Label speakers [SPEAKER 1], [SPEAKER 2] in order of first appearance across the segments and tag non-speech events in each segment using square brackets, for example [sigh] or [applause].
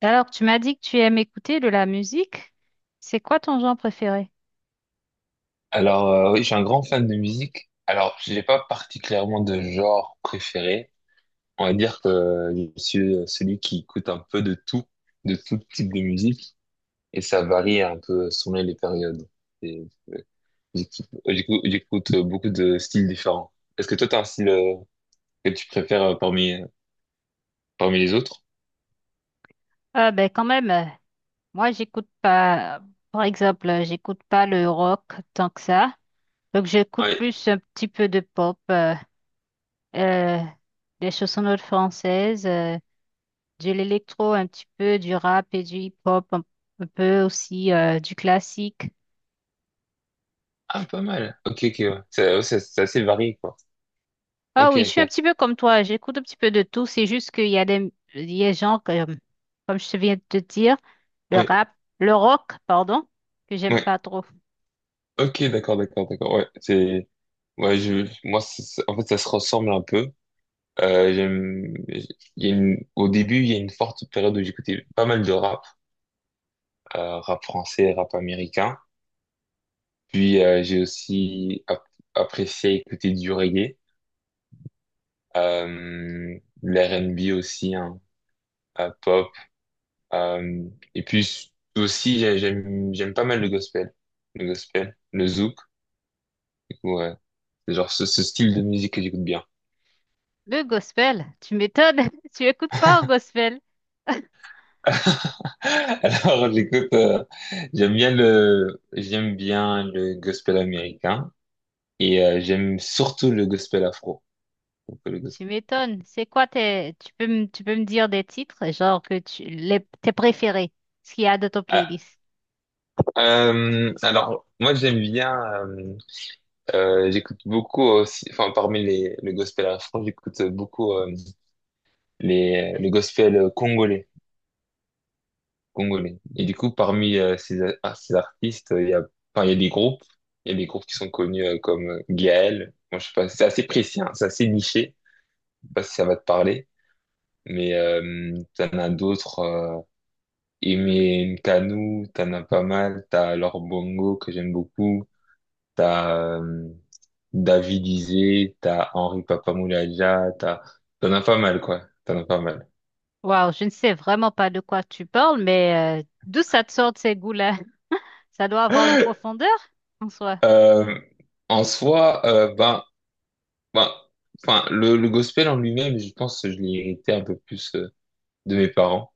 [SPEAKER 1] Alors, tu m'as dit que tu aimes écouter de la musique. C'est quoi ton genre préféré?
[SPEAKER 2] Alors, oui, je suis un grand fan de musique. Alors, je n'ai pas particulièrement de genre préféré. On va dire que je suis celui qui écoute un peu de tout type de musique, et ça varie un peu selon les périodes. Et, j'écoute beaucoup de styles différents. Est-ce que toi, tu as un style que tu préfères parmi les autres?
[SPEAKER 1] Ah ben quand même, moi j'écoute pas, par exemple, j'écoute pas le rock tant que ça. Donc j'écoute
[SPEAKER 2] Oui.
[SPEAKER 1] plus un petit peu de pop, euh, des chansonnettes françaises, de l'électro un petit peu, du rap et du hip-hop, un peu aussi du classique.
[SPEAKER 2] Ah, pas mal. Ok, ok, ouais. C'est ouais, c'est assez varié, quoi.
[SPEAKER 1] Ah
[SPEAKER 2] Ok,
[SPEAKER 1] oui, je suis un
[SPEAKER 2] ok.
[SPEAKER 1] petit peu comme toi, j'écoute un petit peu de tout, c'est juste qu'il y a des, il y a des gens comme, comme je viens de te dire, le
[SPEAKER 2] Ouais,
[SPEAKER 1] rap, le rock, pardon, que j'aime
[SPEAKER 2] ouais.
[SPEAKER 1] pas trop.
[SPEAKER 2] Ok, d'accord, d'accord, d'accord. Ouais, c'est, ouais, je, moi, en fait, ça se ressemble un peu. J'aime, il y a une, au début, il y a une forte période où j'écoutais pas mal de rap, rap français, rap américain. Puis, j'ai aussi apprécié écouter du reggae, euh, l'R&B aussi, hein, pop. Euh, et puis aussi, j'aime pas mal le gospel, le gospel, le zouk. Du coup, ouais, c'est genre ce style de musique que j'écoute bien.
[SPEAKER 1] Le gospel, tu m'étonnes, [laughs] tu écoutes quoi au gospel?
[SPEAKER 2] [laughs] Alors, j'aime bien le gospel américain et j'aime surtout le gospel afro. Donc, le
[SPEAKER 1] Tu
[SPEAKER 2] gospel-
[SPEAKER 1] m'étonnes, tu peux tu peux me dire des titres, genre tes préférés, ce qu'il y a de ton
[SPEAKER 2] Ah,
[SPEAKER 1] playlist.
[SPEAKER 2] alors, moi, j'aime bien, euh, j'écoute beaucoup aussi, enfin, parmi le gospel afro, j'écoute beaucoup le gospel congolais, congolais. Et du coup, parmi ces artistes, il y a des groupes, il y a des groupes qui sont connus comme Gaël. Moi, je sais pas, c'est assez précis, hein, c'est assez niché. Pas si ça va te parler, mais t'en as d'autres. Aimé Nkanu, t'en as pas mal. T'as Laure Bongo que j'aime beaucoup. T'as David Isé, t'as Henri Papamoulaja, t'en as pas mal quoi. T'en as pas mal.
[SPEAKER 1] Waouh, je ne sais vraiment pas de quoi tu parles, mais d'où ça te sort de ces goûts-là? [laughs] Ça doit avoir une
[SPEAKER 2] [gasps]
[SPEAKER 1] profondeur en soi.
[SPEAKER 2] Euh, En soi, ben, ben, enfin, le gospel en lui-même, je pense que je l'ai hérité un peu plus de mes parents.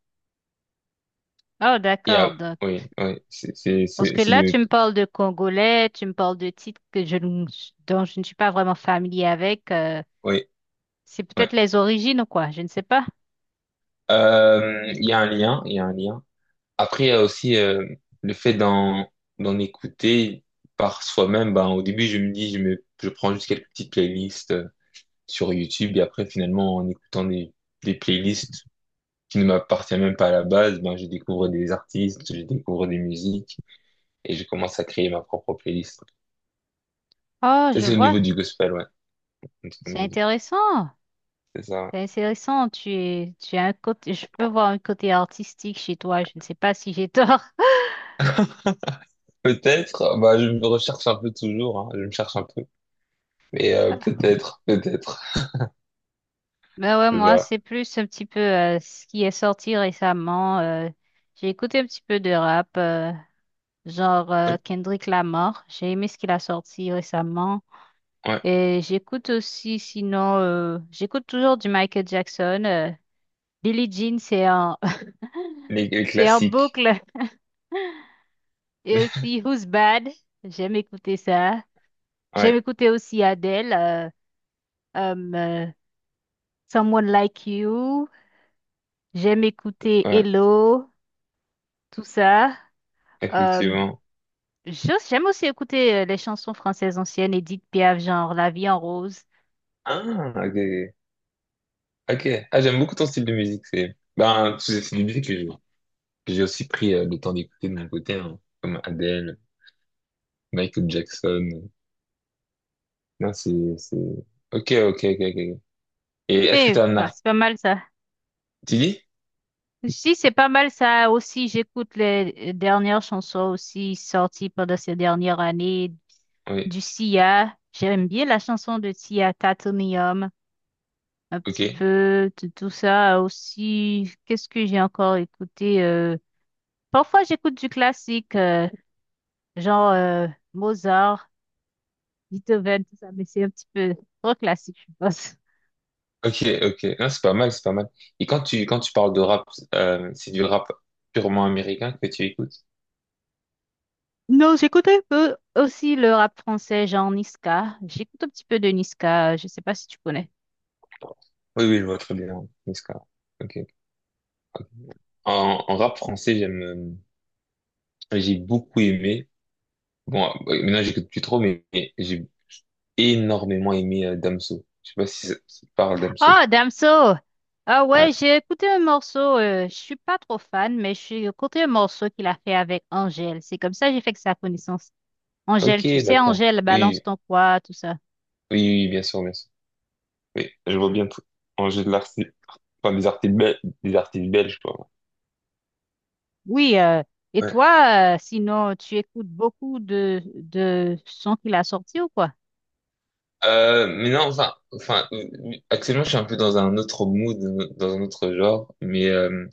[SPEAKER 1] Oh,
[SPEAKER 2] Et ah,
[SPEAKER 1] d'accord.
[SPEAKER 2] oui, oui, c'est c'est
[SPEAKER 1] Parce
[SPEAKER 2] c'est
[SPEAKER 1] que
[SPEAKER 2] c'est de
[SPEAKER 1] là, tu
[SPEAKER 2] mes.
[SPEAKER 1] me parles de Congolais, tu me parles de titres que je, ne- dont je ne suis pas vraiment familier avec.
[SPEAKER 2] Oui.
[SPEAKER 1] C'est
[SPEAKER 2] Ouais.
[SPEAKER 1] peut-être les origines ou quoi, je ne sais pas.
[SPEAKER 2] Il y a un lien, il y a un lien. Après, il y a aussi le fait d'en écouter par soi-même. Ben, au début, je me dis, je me, je prends juste quelques petites playlists sur YouTube et après, finalement, en écoutant des playlists qui ne m'appartiennent même pas à la base, ben, je découvre des artistes, je découvre des musiques et je commence à créer ma propre playlist.
[SPEAKER 1] Oh,
[SPEAKER 2] Ça,
[SPEAKER 1] je
[SPEAKER 2] c'est au
[SPEAKER 1] vois,
[SPEAKER 2] niveau du gospel, ouais. C'est Au
[SPEAKER 1] c'est
[SPEAKER 2] niveau du-
[SPEAKER 1] intéressant.
[SPEAKER 2] C'est ça. Ouais.
[SPEAKER 1] C'est intéressant, tu as un côté, je peux voir un côté artistique chez toi, je ne sais pas si j'ai tort.
[SPEAKER 2] Peut-être, bah, je me recherche un peu toujours, hein, je me cherche un peu, mais
[SPEAKER 1] [laughs]
[SPEAKER 2] peut-être, peut-être.
[SPEAKER 1] Ben ouais,
[SPEAKER 2] C'est
[SPEAKER 1] moi,
[SPEAKER 2] ça.
[SPEAKER 1] c'est plus un petit peu ce qui est sorti récemment. J'ai écouté un petit peu de rap, genre Kendrick Lamar. J'ai aimé ce qu'il a sorti récemment.
[SPEAKER 2] Ouais,
[SPEAKER 1] Et j'écoute aussi, sinon, j'écoute toujours du Michael Jackson. Billie Jean,
[SPEAKER 2] les
[SPEAKER 1] [laughs] c'est en
[SPEAKER 2] classiques.
[SPEAKER 1] boucle. Et
[SPEAKER 2] [laughs]
[SPEAKER 1] aussi Who's Bad. J'aime écouter ça. J'aime
[SPEAKER 2] Ouais,
[SPEAKER 1] écouter aussi Adele, um, euh, Someone Like You. J'aime écouter
[SPEAKER 2] ouais,
[SPEAKER 1] Hello, tout ça. Euh,
[SPEAKER 2] effectivement.
[SPEAKER 1] j'aime aussi écouter les chansons françaises anciennes, Edith Piaf, genre La vie en rose.
[SPEAKER 2] Ah, ok. Ok. Ah, j'aime beaucoup ton style de musique. C'est ben, c'est des musiques que j'ai aussi pris le temps d'écouter de mon côté, hein, comme Adele, Michael Jackson. Non, Ok, ok, ok, ok. Et est-ce que
[SPEAKER 1] Et
[SPEAKER 2] t'as un
[SPEAKER 1] bah,
[SPEAKER 2] art...
[SPEAKER 1] c'est pas mal ça.
[SPEAKER 2] Tu dis?
[SPEAKER 1] Si, c'est pas mal ça aussi. J'écoute les dernières chansons aussi sorties pendant ces dernières années
[SPEAKER 2] Oui.
[SPEAKER 1] du Sia. J'aime bien la chanson de Sia, Titanium, un
[SPEAKER 2] Ok.
[SPEAKER 1] petit peu tout tout ça aussi. Qu'est-ce que j'ai encore écouté? Parfois, j'écoute du classique, genre Mozart, Beethoven, tout ça, mais c'est un petit peu trop classique, je pense.
[SPEAKER 2] Ok, ok. Non, c'est pas mal, c'est pas mal. Et quand tu parles de rap, c'est du rap purement américain que tu écoutes?
[SPEAKER 1] Non, j'écoute un peu aussi le rap français, genre Niska. J'écoute un petit peu de Niska. Je sais pas si tu connais.
[SPEAKER 2] Oui, oui, je vois très bien. Niska. Ok. En rap français, j'ai beaucoup aimé. Bon, maintenant j'écoute plus trop, mais j'ai énormément aimé Damso. Je sais pas si ça te parle Damso.
[SPEAKER 1] Oh, Damso! Ah ouais,
[SPEAKER 2] Ouais.
[SPEAKER 1] j'ai écouté un morceau, je suis pas trop fan, mais j'ai écouté un morceau qu'il a fait avec Angèle. C'est comme ça que j'ai fait que sa connaissance. Angèle,
[SPEAKER 2] Ok,
[SPEAKER 1] tu sais,
[SPEAKER 2] d'accord.
[SPEAKER 1] Angèle, balance
[SPEAKER 2] Oui,
[SPEAKER 1] ton poids, tout ça.
[SPEAKER 2] oui, oui, oui, bien sûr, bien sûr. Oui, je vois bien tout. En jeu de l'artiste, enfin, des artistes belges, quoi.
[SPEAKER 1] Oui, euh, et
[SPEAKER 2] Ouais.
[SPEAKER 1] toi, euh, sinon, tu écoutes beaucoup de sons qu'il a sortis ou quoi?
[SPEAKER 2] Mais non, enfin, actuellement, je suis un peu dans un autre mood, dans un autre genre, mais euh,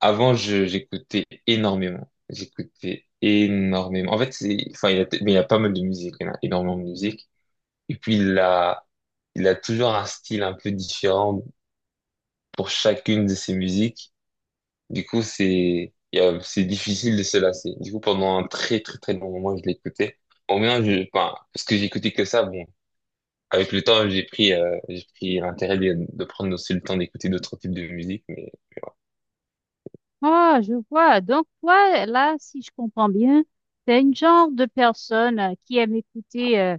[SPEAKER 2] Avant, je, j'écoutais énormément. J'écoutais énormément. En fait, c'est, enfin, il y a, mais il y a pas mal de musique. Il y en a énormément de musique. Et puis, il a toujours un style un peu différent pour chacune de ses musiques. Du coup, c'est, il y a- c'est difficile de se lasser. Du coup, pendant un très, très, très long moment, je l'écoutais. Au moins, enfin, parce que j'écoutais que ça, bon. Avec le temps, j'ai pris l'intérêt de prendre aussi le temps d'écouter d'autres types de musique, mais,
[SPEAKER 1] Ah je vois. Donc, toi, là, si je comprends bien, t'es une genre de personne qui aime écouter euh,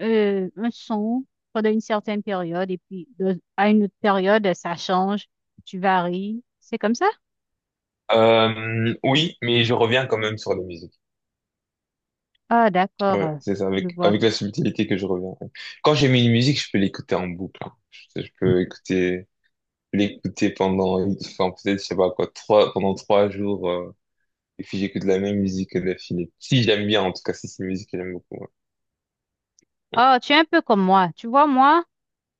[SPEAKER 1] euh, un son pendant une certaine période et puis à une autre période, ça change, tu varies. C'est comme ça?
[SPEAKER 2] oui, mais je reviens quand même sur les musiques.
[SPEAKER 1] Ah, d'accord,
[SPEAKER 2] Ouais, c'est ça,
[SPEAKER 1] je
[SPEAKER 2] avec,
[SPEAKER 1] vois.
[SPEAKER 2] avec la subtilité que je reviens. Quand j'ai mis une musique, je peux l'écouter en boucle, hein. Je peux l'écouter pendant, enfin, peut-être, je sais pas quoi, pendant 3 jours, et puis j'écoute la même musique d'affilée. Si j'aime bien, en tout cas, si c'est une musique que j'aime beaucoup. Ouais,
[SPEAKER 1] Ah, tu es un peu comme moi. Tu vois, moi,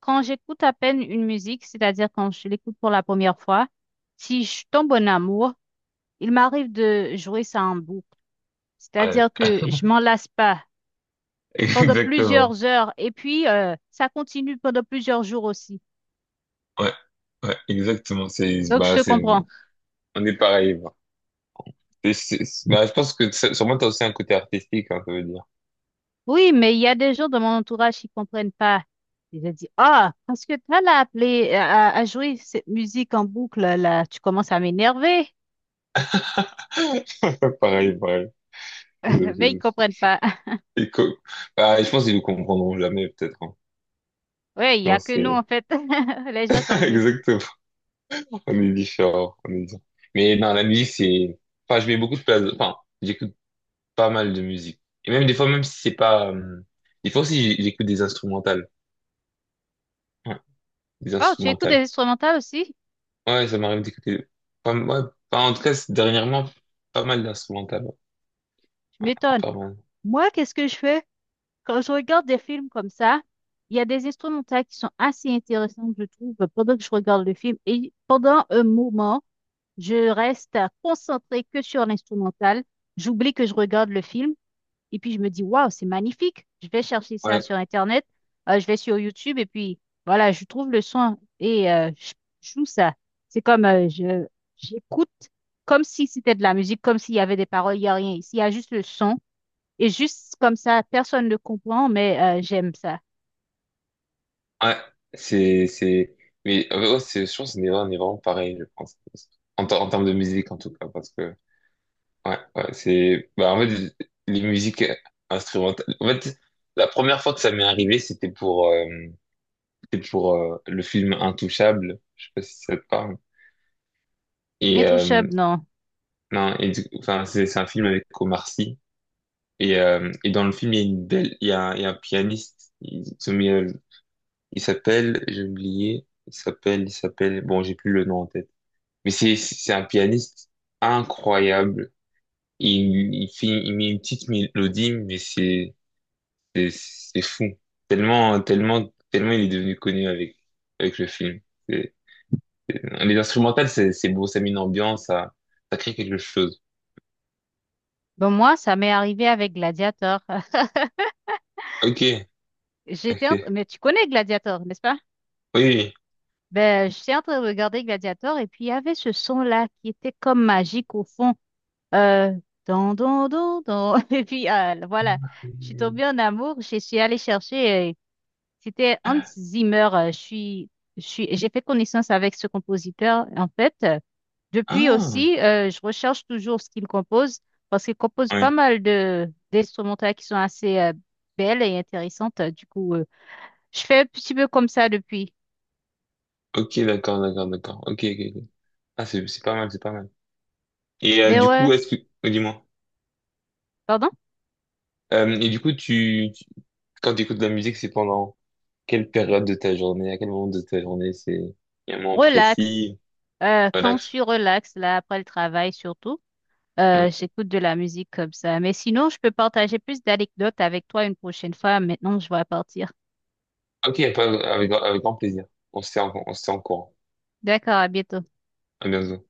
[SPEAKER 1] quand j'écoute à peine une musique, c'est-à-dire quand je l'écoute pour la première fois, si je tombe en bon amour, il m'arrive de jouer ça en boucle.
[SPEAKER 2] ouais,
[SPEAKER 1] C'est-à-dire que je m'en lasse pas
[SPEAKER 2] [laughs]
[SPEAKER 1] pendant
[SPEAKER 2] exactement.
[SPEAKER 1] plusieurs heures et puis ça continue pendant plusieurs jours aussi.
[SPEAKER 2] Ouais, ouais, exactement.
[SPEAKER 1] Donc, je te comprends.
[SPEAKER 2] On est pareil, bah. Bah, je pense sûrement t'as aussi un côté artistique, hein, ça veut dire.
[SPEAKER 1] Oui, mais il y a des gens dans mon entourage qui comprennent pas. Ils ont dit, ah, parce que tu l'as appelé à jouer cette musique en boucle, là, tu commences à m'énerver.
[SPEAKER 2] [laughs] Pareil, pareil. Je-
[SPEAKER 1] [laughs] Mais ils
[SPEAKER 2] je-
[SPEAKER 1] comprennent pas. [laughs]
[SPEAKER 2] et co- Bah, je pense qu'ils ne comprendront jamais, peut-être, hein.
[SPEAKER 1] Ouais, il y
[SPEAKER 2] Non,
[SPEAKER 1] a que nous, en fait, [laughs] les gens
[SPEAKER 2] [laughs]
[SPEAKER 1] comme nous.
[SPEAKER 2] Exactement, on est différents, on est différents. Mais non, la musique, Enfin, je mets beaucoup de place. Enfin, j'écoute pas mal de musique. Et même des fois, même si c'est pas... des fois aussi, j'écoute des instrumentales. Ouais, des
[SPEAKER 1] Oh, tu écoutes des
[SPEAKER 2] instrumentales.
[SPEAKER 1] instrumentales aussi?
[SPEAKER 2] Ouais, ça m'arrive d'écouter... Pas... ouais, enfin, en tout cas, dernièrement, pas mal d'instrumentales, ouais.
[SPEAKER 1] Tu m'étonnes.
[SPEAKER 2] Pas mal.
[SPEAKER 1] Moi, qu'est-ce que je fais? Quand je regarde des films comme ça, il y a des instrumentales qui sont assez intéressantes, je trouve, pendant que je regarde le film. Et pendant un moment, je reste concentrée que sur l'instrumental. J'oublie que je regarde le film. Et puis je me dis, waouh, c'est magnifique. Je vais chercher ça
[SPEAKER 2] Ouais,
[SPEAKER 1] sur Internet, je vais sur YouTube et puis voilà, je trouve le son et je joue ça. C'est comme je j'écoute comme si c'était de la musique, comme s'il y avait des paroles, il n'y a rien ici, il y a juste le son. Et juste comme ça, personne ne comprend, mais j'aime ça.
[SPEAKER 2] ouais, c'est... c'est... mais ouais, je pense qu'on est vraiment pareil, je pense. En termes de musique, en tout cas, parce que. Ouais, ouais, c'est, bah, en fait, les musiques instrumentales. En fait, la première fois que ça m'est arrivé, c'était pour le film Intouchable. Je sais pas si ça te parle. Et,
[SPEAKER 1] Intouchable, non.
[SPEAKER 2] non, enfin, c'est un film avec Omar Sy. Et dans le film, il y a une belle, il y a, un- il y a un pianiste. Il s'appelle, j'ai oublié, il s'appelle, bon, j'ai plus le nom en tête. Mais c'est un pianiste incroyable. Il met une petite mélodie, mais c'est fou. Tellement, tellement, tellement il est devenu connu avec le film. C'est- Les instrumentales, c'est beau, ça met une ambiance, ça crée quelque chose.
[SPEAKER 1] Bon, moi, ça m'est arrivé avec Gladiator. [laughs]
[SPEAKER 2] Ok, ok.
[SPEAKER 1] Mais tu connais Gladiator, n'est-ce pas?
[SPEAKER 2] Oui,
[SPEAKER 1] Ben, j'étais en train de regarder Gladiator et puis il y avait ce son-là qui était comme magique au fond. Euh, don, don, don, don. [laughs] Et puis, voilà, je suis
[SPEAKER 2] oui.
[SPEAKER 1] tombée en amour. Je suis allée chercher, c'était Hans Zimmer. J'ai fait connaissance avec ce compositeur. En fait, euh, depuis
[SPEAKER 2] Ah,
[SPEAKER 1] aussi, euh, je recherche toujours ce qu'il compose parce qu'il compose pas
[SPEAKER 2] ouais.
[SPEAKER 1] mal de d'instrumentales qui sont assez belles et intéressantes. Du coup, je fais un petit peu comme ça depuis.
[SPEAKER 2] Ok, d'accord, d'accord, d'accord. Ok, ok, ok. Ah, c'est pas mal, c'est pas mal. Et
[SPEAKER 1] Mais
[SPEAKER 2] du
[SPEAKER 1] ouais,
[SPEAKER 2] coup, est-ce que. Oh, dis-moi.
[SPEAKER 1] pardon?
[SPEAKER 2] Et du coup, quand tu écoutes de la musique, c'est pendant quelle période de ta journée, à quel moment de ta journée, c'est il y a un moment
[SPEAKER 1] Relax.
[SPEAKER 2] précis,
[SPEAKER 1] Quand je
[SPEAKER 2] relax.
[SPEAKER 1] suis relax, là, après le travail surtout.
[SPEAKER 2] Ouais.
[SPEAKER 1] J'écoute de la musique comme ça. Mais sinon, je peux partager plus d'anecdotes avec toi une prochaine fois. Maintenant, je vais partir.
[SPEAKER 2] Ok, avec grand plaisir. On se tient en courant.
[SPEAKER 1] D'accord, à bientôt.
[SPEAKER 2] À bientôt.